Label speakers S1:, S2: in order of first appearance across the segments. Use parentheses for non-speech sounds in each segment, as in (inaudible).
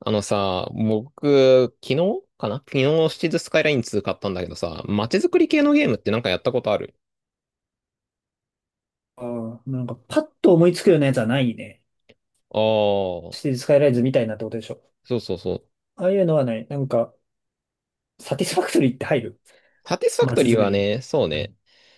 S1: あのさ、僕、昨日、シティズスカイライン2買ったんだけどさ、街づくり系のゲームってなんかやったことある？
S2: ああ、なんかパッと思いつくようなやつはないね。
S1: ああー、
S2: シティスカイライズみたいなってことでしょ。
S1: そうそうそう。
S2: ああいうのはない。なんか、サティスファクトリーって入る。
S1: サティスファクト
S2: 街
S1: リー
S2: づく
S1: は
S2: りに。
S1: ね、そうね。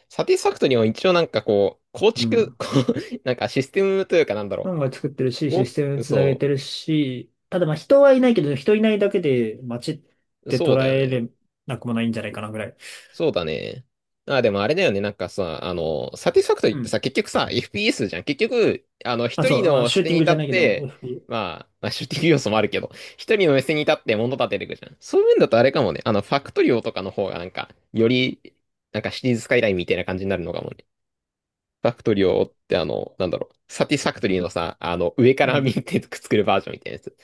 S1: サティスファクトリーは一応なんかこう、構
S2: う
S1: 築、
S2: ん。
S1: こう (laughs) なんかシステムというかなんだ
S2: フ
S1: ろ
S2: ァンが作ってるし、
S1: う。
S2: システム
S1: お、
S2: つなげ
S1: そ
S2: てるし、ただまあ人はいないけど、人いないだけで街っ
S1: う、
S2: て
S1: そう
S2: 捉
S1: だよ
S2: え
S1: ね。
S2: れなくもないんじゃないかなぐらい。
S1: そうだね。あ、でもあれだよね。なんかさ、あの、サティスファクトリ
S2: う
S1: ーって
S2: ん。
S1: さ、結局さ、FPS じゃん。結局、あの、
S2: あ、
S1: 一
S2: そ
S1: 人
S2: う、まあ
S1: の
S2: シ
S1: 視
S2: ュー
S1: 点
S2: ティ
S1: に
S2: ング
S1: 立
S2: じ
S1: っ
S2: ゃないけど、
S1: て、まあ、まあ、シューティング要素もあるけど、一人の目線に立って物立てていくじゃん。そういう面だとあれかもね。あの、ファクトリオとかの方がなんか、より、なんかシリーズスカイラインみたいな感じになるのかもね。ファクトリオってあの、なんだろう、サティスファクトリーのさ、あの、上か
S2: う
S1: ら
S2: ん。
S1: 見てくっつけるバージョンみたいなやつ。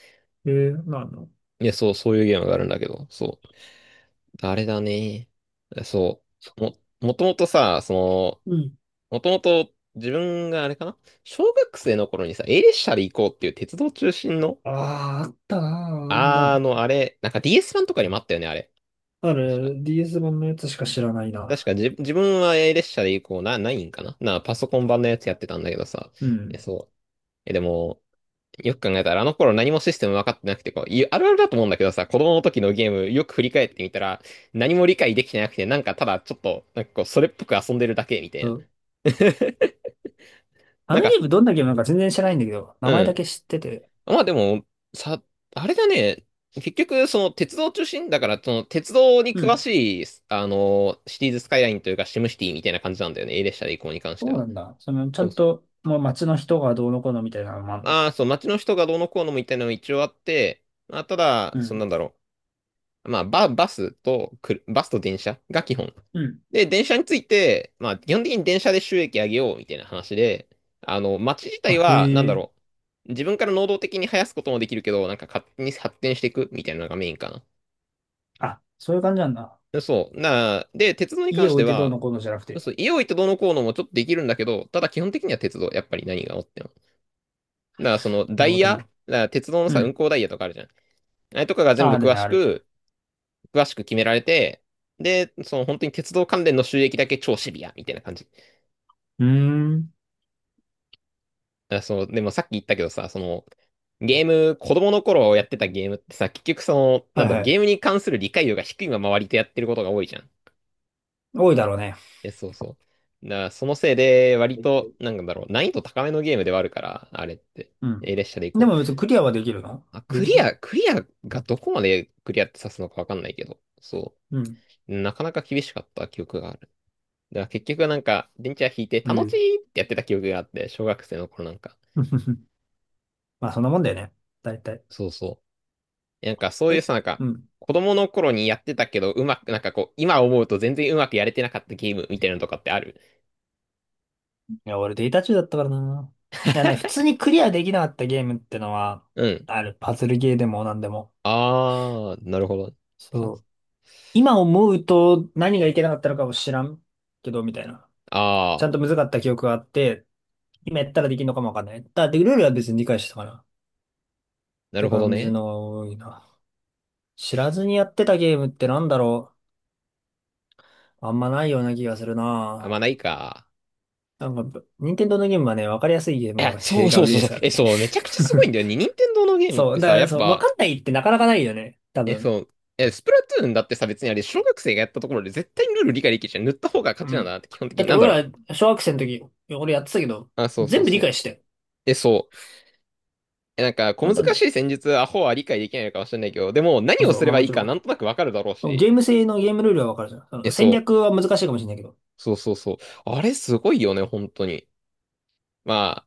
S2: まあ
S1: いや、そう、そういうゲームがあるんだけど、そう。あれだね。そう。もともとさ、その、
S2: うん。
S1: もともと自分があれかな小学生の頃にさ、A 列車で行こうっていう鉄道中心の、
S2: ああ、あったなあ、あんな
S1: あ
S2: 作
S1: の、あ
S2: 品。
S1: れ、なんか DS 版とかにもあったよね、あれ。
S2: あ
S1: 確か、
S2: る DS 版のやつしか知らないな。
S1: 確かじ自分は A 列車で行こうな、ないんかなな、パソコン版のやつやってたんだけどさ。
S2: う
S1: え、
S2: ん。
S1: そう。え、でも、よく考えたらあの頃何もシステム分かってなくて、こう、いあるあるだと思うんだけどさ、子供の時のゲームよく振り返ってみたら、何も理解できてなくて、なんかただちょっと、なんかこう、それっぽく遊んでるだけみたいな。(laughs)
S2: あ
S1: なん
S2: の
S1: か、
S2: ゲームどんなゲームなのか全然知らないんだけど、名前
S1: う
S2: だ
S1: ん。
S2: け知ってて。
S1: まあでも、さ、あれだね。結局、その鉄道中心だから、その鉄道に
S2: う
S1: 詳
S2: ん。
S1: しい、あの、シティーズスカイラインというかシムシティみたいな感じなんだよね。A 列車で移行こうに関して
S2: そう
S1: は。
S2: なんだ。その、ちゃ
S1: そう
S2: ん
S1: そう。
S2: と、もう街の人がどうのこうのみたいなのもあるの？
S1: ああ、そう、街の人がどうのこうのみたいなのも一応あって、まあ、ただ、
S2: う
S1: そのなん
S2: ん。
S1: だろう。まあ、バスと電車が基本。
S2: うん。
S1: で、電車について、まあ、基本的に電車で収益上げようみたいな話で、あの、街自体
S2: あ、へ
S1: は、なんだ
S2: え。
S1: ろう、自分から能動的に生やすこともできるけど、なんか勝手に発展していくみたいなのがメインか
S2: あ、そういう感じなんだ。
S1: な。そう。で、鉄道に関
S2: 家
S1: し
S2: 置
S1: て
S2: いてどう
S1: は、
S2: のこうのじゃなくて。
S1: そう、イオイとどうのこうのもちょっとできるんだけど、ただ基本的には鉄道、やっぱり何があっても。だから、その、
S2: な
S1: ダ
S2: る
S1: イ
S2: ほど
S1: ヤ、だか
S2: ね。
S1: ら鉄道の
S2: う
S1: さ、運
S2: ん。
S1: 行ダイヤとかあるじゃん。あれとかが全
S2: あ、
S1: 部
S2: ある
S1: 詳
S2: ね、
S1: し
S2: ある。
S1: く、詳しく決められて、で、その本当に鉄道関連の収益だけ超シビアみたいな感じ。
S2: うーん。
S1: あ、そう、でもさっき言ったけどさ、その、ゲーム、子供の頃やってたゲームってさ、結局その、な
S2: は
S1: ん
S2: い
S1: だろ
S2: は
S1: う、ゲー
S2: い。
S1: ムに関する理解度が低いまま割とやってることが多いじゃん。
S2: 多いだろうね。
S1: え、そうそう。だからそのせいで、割と、なんだろう、難易度高めのゲームではあるから、あれって。
S2: う
S1: え、
S2: ん。
S1: 列車で行
S2: で
S1: こう。
S2: も別にクリアはできるの？
S1: あ、
S2: どう
S1: ク
S2: いうこ
S1: リ
S2: と？
S1: ア、クリアがどこまでクリアって指すのかわかんないけど、そ
S2: うん。
S1: う。なかなか厳しかった記憶がある。だから結局なんか、電池は引いて、
S2: え
S1: 楽し
S2: え。
S1: いってやってた記憶があって、小学生の頃なんか。
S2: (laughs) まあそんなもんだよね。大体。
S1: そうそうなんかそういう
S2: え
S1: さ、なんか、
S2: うん。
S1: 子供の頃にやってたけど、うまく、なんかこう、今思うと全然うまくやれてなかったゲームみたいなのとかってある？
S2: いや、俺データ中だったからな。いやね、普通にクリアできなかったゲームってのは、
S1: うん。
S2: ある、パズルゲーでもなんでも。
S1: あー、なるほど。パ
S2: そう。今思うと何がいけなかったのかも知らんけど、みたいな。
S1: あ
S2: ちゃんと難かった記憶があって、今やったらできるのかもわかんない。だってルールは別に理解してたかな。っ
S1: ー、なる
S2: て
S1: ほど
S2: 感じ
S1: ね。
S2: の多いな。知らずにやってたゲームってなんだろう。あんまないような気がする
S1: あ、まあ
S2: な。
S1: ないか。
S2: なんか、任天堂のゲームはね、わかりやすいゲー
S1: い
S2: ム
S1: や、
S2: が、(laughs)
S1: そう
S2: が
S1: そう
S2: 売り
S1: そう
S2: で
S1: そう。
S2: すから
S1: え、
S2: ね。
S1: そう、めちゃくちゃすごいんだよね。任天堂のゲ
S2: (laughs)
S1: ームっ
S2: そ
S1: て
S2: う。だか
S1: さ、や
S2: ら、
S1: っ
S2: そう、わ
S1: ぱ、
S2: かんないってなかなかないよね。多
S1: え、
S2: 分。
S1: そう、え、スプラトゥーンだってさ、別にあれ、小学生がやったところで絶対にルール理解できるじゃん。塗った方が
S2: う
S1: 勝ちなんだ
S2: ん。
S1: なって、基本的
S2: だ
S1: に。
S2: って
S1: なんだろ
S2: 俺
S1: う。
S2: ら、小学生の時、俺やってたけど、
S1: あ、そうそう
S2: 全部理
S1: そう。
S2: 解してよ。
S1: え、そう。え、なんか、小難
S2: 簡単だ
S1: し
S2: よ。
S1: い戦術、アホは理解できないのかもしれないけど、でも、何を
S2: そう、
S1: すれ
S2: まあ
S1: ば
S2: も
S1: いい
S2: ち
S1: か、なん
S2: ろ
S1: となくわかるだろう
S2: ん。ゲ
S1: し。
S2: ーム性のゲームルールはわかるじゃん。そ
S1: え、
S2: の戦
S1: そう。
S2: 略は難しいかもしれないけど。
S1: そうそうそう。あれ、すごいよね、本当に。ま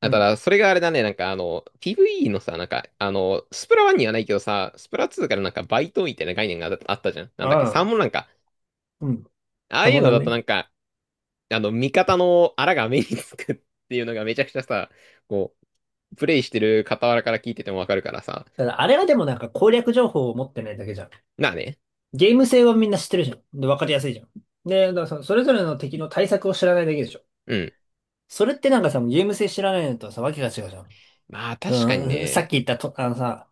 S1: あ、
S2: う
S1: あた
S2: ん。
S1: だ、それがあれだね、なんか、あの、PVE のさ、なんか、あの、スプラ1にはないけどさ、スプラ2からなんか、バイトみたいな概念があったじゃん。なん
S2: あ
S1: だっけ、サー
S2: あ。
S1: モンなんか、
S2: うん。
S1: ああ
S2: た
S1: い
S2: ま
S1: うの
S2: らん
S1: だと
S2: ね。
S1: なんか、あの、味方のアラが目につくっていうのがめちゃくちゃさ、こう、プレイしてる傍らから聞いててもわかるからさ。
S2: ただ、あれはでもなんか攻略情報を持ってないだけじゃん。
S1: なあね。
S2: ゲーム性はみんな知ってるじゃん。で、わかりやすいじゃん。で、だからそのそれぞれの敵の対策を知らないだけでしょ。
S1: うん。
S2: それってなんかさ、ゲーム性知らないのとさ、わけが違うじゃん。
S1: まあ確かに
S2: うん、さ
S1: ね。
S2: っき言ったと、あのさ、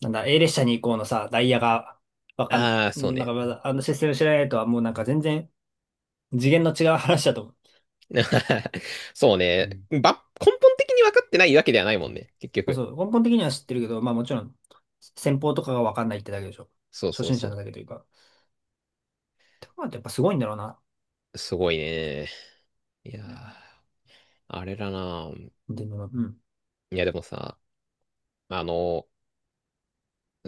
S2: なんだ、A 列車に行こうのさ、ダイヤが、わかん、
S1: ああ、そう
S2: なん
S1: ね。
S2: かまだ、あのシステム知らないとはもうなんか全然次元の違う話だと思
S1: (laughs) そう
S2: う。う
S1: ね。
S2: ん。
S1: ば、根本的に分かってないわけではないもんね。結
S2: まあ、
S1: 局。
S2: そう、根本的には知ってるけど、まあもちろん、先方とかがわかんないってだけでしょ。
S1: そう
S2: 初
S1: そう
S2: 心者な
S1: そ
S2: だけというか。ってことはやっぱすごいんだろうな。
S1: う。すごいね。いやー、あれだな。
S2: でも、うん。
S1: いや、でもさ、あの、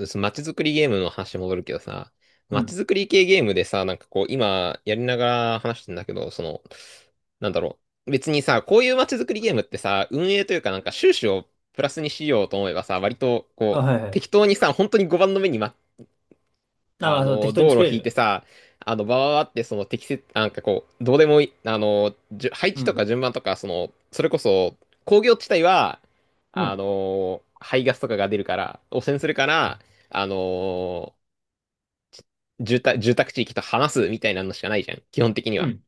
S1: そ街づくりゲームの話戻るけどさ、
S2: う
S1: 街
S2: ん。
S1: づくり系ゲームでさ、なんかこう、今やりながら話してんだけど、その、なんだろう。別にさ、こういう街づくりゲームってさ、運営というかなんか収支をプラスにしようと思えばさ、割と
S2: あ、
S1: こう、
S2: はいはい。
S1: 適当にさ、本当に5番の目にま
S2: あ、ま
S1: あ
S2: あ、そう
S1: の、
S2: 適当に
S1: 道
S2: 作
S1: 路
S2: れる
S1: 引い
S2: よ
S1: て
S2: ね。
S1: さ、あの、バーってその適切、なんかこう、どうでもいい、あの、じゅ配
S2: う
S1: 置と
S2: ん。
S1: か順番とか、その、それこそ、工業地帯は、
S2: う
S1: あ
S2: ん。
S1: の、排ガスとかが出るから、汚染するから、あの、住宅地域と話すみたいなのしかないじゃん、基本的に
S2: う
S1: は。
S2: ん。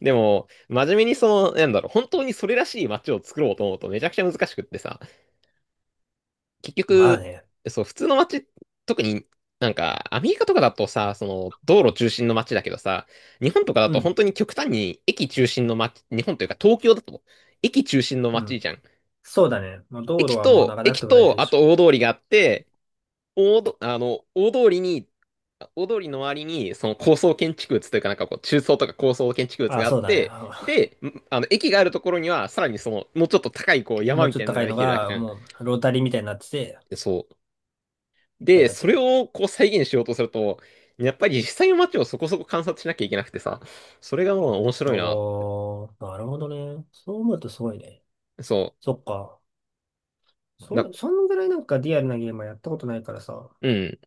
S1: でも、真面目にその、なんだろう、本当にそれらしい街を作ろうと思うとめちゃくちゃ難しくってさ、結
S2: まあ
S1: 局、
S2: ね。
S1: そう、普通の街、特になんか、アメリカとかだとさ、その、道路中心の街だけどさ、日本とかだ
S2: う
S1: と本
S2: ん。
S1: 当に極端に駅中心の街、日本というか東京だと、駅中心の
S2: う
S1: 街
S2: ん。
S1: じゃん。
S2: そうだね。まあ、道路
S1: 駅
S2: はもうなん
S1: と、
S2: かなく
S1: 駅
S2: ても大体
S1: と、
S2: で
S1: あ
S2: しょ。
S1: と大通りがあって、大ど、あの、大通りに、大通りの周りに、その高層建築物というか、なんかこう、中層とか高層建築物
S2: あ、
S1: があっ
S2: そうだね。
S1: て、で、んあの、駅があるところには、さらにその、もうちょっと高い、こう、
S2: も
S1: 山
S2: う
S1: み
S2: ちょ
S1: た
S2: っ
S1: いな
S2: と
S1: の
S2: 高
S1: が
S2: い
S1: で
S2: の
S1: きてるわけじ
S2: が、
S1: ゃん。
S2: もう、ロータリーみたいになってて、
S1: そう。
S2: いっぱい
S1: で、
S2: 立って
S1: そ
S2: る
S1: れ
S2: みたいな。
S1: をこう再現しようとすると、やっぱり実際の街をそこそこ観察しなきゃいけなくてさ、それがもう面
S2: あ
S1: 白
S2: あ、
S1: いな。
S2: なるほどね。そう思うとすごいね。
S1: そ
S2: そっか。
S1: う。
S2: そ
S1: な、
S2: れ、そんぐらいなんかリアルなゲームはやったことないからさ。
S1: うん。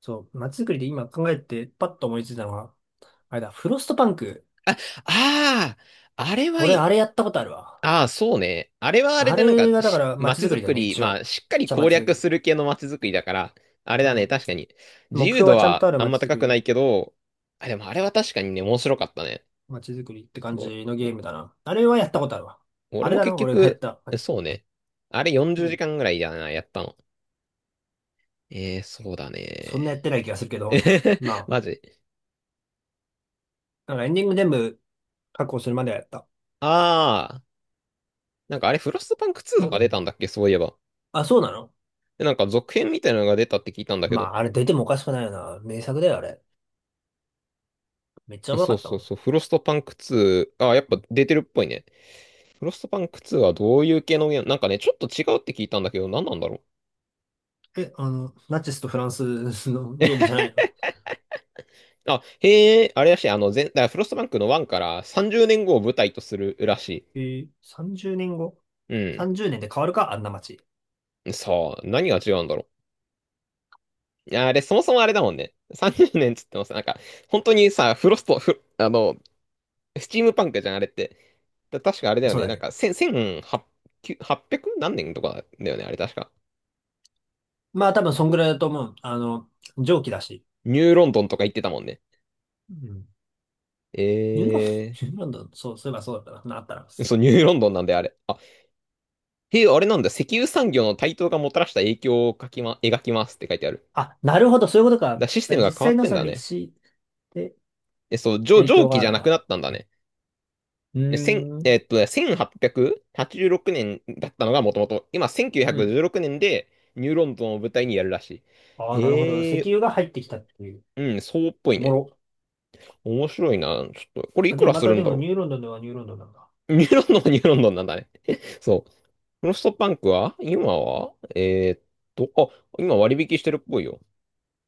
S2: そう、街づくりで今考えてパッと思いついたのが、あれだ、フロストパンク。
S1: あ、ああ、あれはい
S2: 俺、あ
S1: い。
S2: れやったことあるわ。
S1: ああ、そうね。あれはあれ
S2: あ
S1: でなん
S2: れ
S1: か
S2: がだか
S1: し、
S2: ら街
S1: 街
S2: づく
S1: づ
S2: りだ
S1: く
S2: よね、
S1: り、
S2: 一
S1: まあ、
S2: 応。
S1: しっかり
S2: じゃ
S1: 攻
S2: 街づく
S1: 略
S2: り。
S1: する系の街づくりだから、あれ
S2: う
S1: だね、
S2: ん。
S1: 確かに。自
S2: 目
S1: 由
S2: 標
S1: 度
S2: がちゃんと
S1: は
S2: ある
S1: あんま
S2: 街づく
S1: 高くな
S2: り、
S1: いけど、あ、でもあれは確かにね、面白かったね。
S2: 街づくりって感
S1: お
S2: じのゲ
S1: お
S2: ームだな。あれはやったことあるわ。あ
S1: 俺
S2: れ
S1: も
S2: だな、
S1: 結
S2: 俺がやっ
S1: 局、
S2: たやつ。
S1: そうね。あれ40
S2: う
S1: 時
S2: ん。
S1: 間ぐらいだな、やったの。えー、そうだ
S2: そ
S1: ね。
S2: んなやってない気がするけ
S1: (laughs) え
S2: ど。
S1: へへ
S2: ま
S1: マジ。
S2: あ、なんかエンディング全部確保するまではやった。
S1: ああ、なんかあれ、フロストパンク2とか出たんだっけ、そういえば。
S2: あ、そうなの？
S1: で、なんか続編みたいなのが出たって聞いたんだけ
S2: ま
S1: ど。
S2: あ、あれ出てもおかしくないよな。名作だよ、あれ。めっちゃおもろ
S1: そ
S2: か
S1: う
S2: った
S1: そ
S2: も
S1: う
S2: ん。
S1: そう、フロストパンク2、ああ、やっぱ出てるっぽいね。フロストパンク2はどういう系のゲームなんかね、ちょっと違うって聞いたんだけど、何なんだろう。
S2: え、あの、ナチスとフランスのゲームじゃないの？
S1: あ、へえ、あれらしい、だからフロストパンクの1から30年後を舞台とするらし
S2: 30年後？
S1: い。うん。
S2: 30 年で変わるかあんな街。
S1: さあ、何が違うんだろう。あれ、そもそもあれだもんね。30年っつってます。なんか、本当にさ、フロスト、フ、あの、スチームパンクじゃん、あれって。だ確かあれだよ
S2: そう
S1: ね。
S2: だ
S1: なん
S2: ね。
S1: か、千、千八、九八百何年とかだよね、あれ確か。
S2: まあ、多分そんぐらいだと思う。あの、蒸気だし。
S1: ニューロンドンとか言ってたもんね。
S2: うん。ニューロン、(laughs) ニ
S1: え
S2: ューロンドン、そう、そういえばそうだったな。なったら。
S1: そう、ニューロンドンなんであれ。あ、へえ、あれなんだ。石油産業の台頭がもたらした影響を書きま、描きますって書いてある。
S2: あ、なるほど、そういうことか。だ
S1: だ、
S2: か
S1: システ
S2: ら
S1: ム
S2: 実
S1: が変わ
S2: 際
S1: っ
S2: の
S1: てん
S2: その
S1: だ
S2: 歴
S1: ね。
S2: 史で
S1: え、そう、
S2: 影
S1: 蒸
S2: 響が
S1: 気
S2: あ
S1: じ
S2: る
S1: ゃな
S2: の
S1: くな
S2: か？
S1: ったんだね。
S2: うー
S1: え、千、
S2: ん。
S1: ね、1886年だったのがもともと、今
S2: う
S1: 1916
S2: ん。
S1: 年でニューロンドンを舞台にやるらし
S2: あ
S1: い。
S2: あ、なるほど。
S1: へ
S2: 石
S1: え、
S2: 油が入ってきたっていう。
S1: うん、そうっぽい
S2: おも
S1: ね。
S2: ろ。
S1: 面白いな。ちょっと、これい
S2: あ
S1: く
S2: で、
S1: ら
S2: ま
S1: する
S2: た
S1: ん
S2: で
S1: だ
S2: も
S1: ろう。
S2: ニューロンドンではニューロンドンなんだ。
S1: ニューロンドンはニューロンドンなんだね。(laughs) そう。フロストパンクは今はーっあ、今割引してるっぽいよ。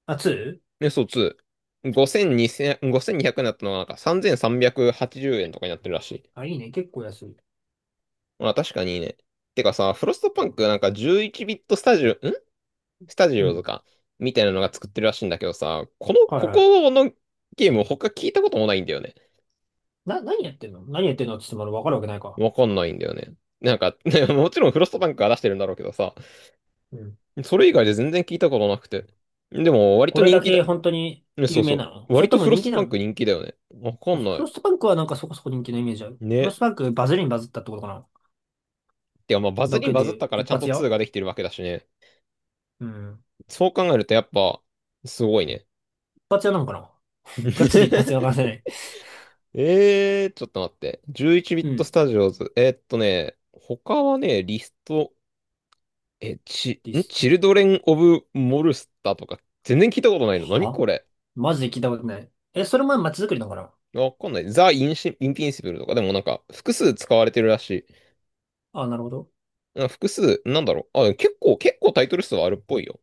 S2: あ、2？
S1: ね、そう、2。5200にひゃくになったのがなんか3380円とかになってるらしい。
S2: あ、いいね。結構安い。
S1: まあ確かにいいね。てかさ、フロストパンクなんか11ビットスタジオ、スタジ
S2: う
S1: オズ
S2: ん。
S1: か。みたいなのが作ってるらしいんだけどさ、
S2: はい
S1: こ
S2: はい。
S1: このゲーム他聞いたこともないんだよね。
S2: な、何やってんの？何やってんのって言ってもらわかるわけないか。
S1: わかんないんだよね。なんか、(laughs) ね、もちろんフロストパンクが出してるんだろうけどさ、
S2: うん。
S1: それ以外で全然聞いたことなくて。でも、割
S2: こ
S1: と
S2: れ
S1: 人
S2: だ
S1: 気だ。
S2: け本当に
S1: ね、そ
S2: 有
S1: う
S2: 名
S1: そ
S2: なの？
S1: う。
S2: そ
S1: 割
S2: れと
S1: と
S2: も
S1: フロ
S2: 人
S1: ス
S2: 気
S1: パ
S2: な
S1: ンク
S2: の？
S1: 人気だよね。わかんな
S2: フ
S1: い。
S2: ロストパンクはなんかそこそこ人気のイメージある。フロ
S1: ね。
S2: ストパンクバズりにバズったってことかな？
S1: てか、まあ、バズ
S2: だ
S1: りに
S2: け
S1: バズっ
S2: で
S1: たから
S2: 一
S1: ちゃんと
S2: 発
S1: 2
S2: 屋？
S1: ができてるわけだしね。
S2: うん。
S1: そう考えるとやっぱ、すごいね。
S2: 一発屋なのかな？ (laughs) ガチで一発屋からせ
S1: (laughs)
S2: ない。
S1: ちょっと待って。11ビッ
S2: う
S1: トス
S2: ん。
S1: タジオズ。ね、他はね、リスト、え、ち、
S2: リ
S1: ん
S2: スト
S1: チルドレン・オブ・モルスターとか、全然聞いたことないの。何
S2: は
S1: これ。
S2: マジで聞いたことない。え、それも街づくりなのかな？
S1: わかんない。ザ・インピンシブルとか、でもなんか、複数使われてるらしい。
S2: あ、なるほど。
S1: うん、複数、なんだろう。あ、結構タイトル数はあるっぽいよ。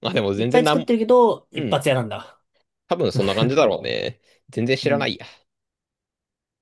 S1: まあ、でも
S2: いっ
S1: 全
S2: ぱ
S1: 然
S2: い
S1: な
S2: 作っ
S1: ん、
S2: てるけど、
S1: う
S2: 一
S1: ん。
S2: 発屋なんだ。
S1: 多分そんな感じだろうね。全然知
S2: う
S1: らな
S2: ん。
S1: いや。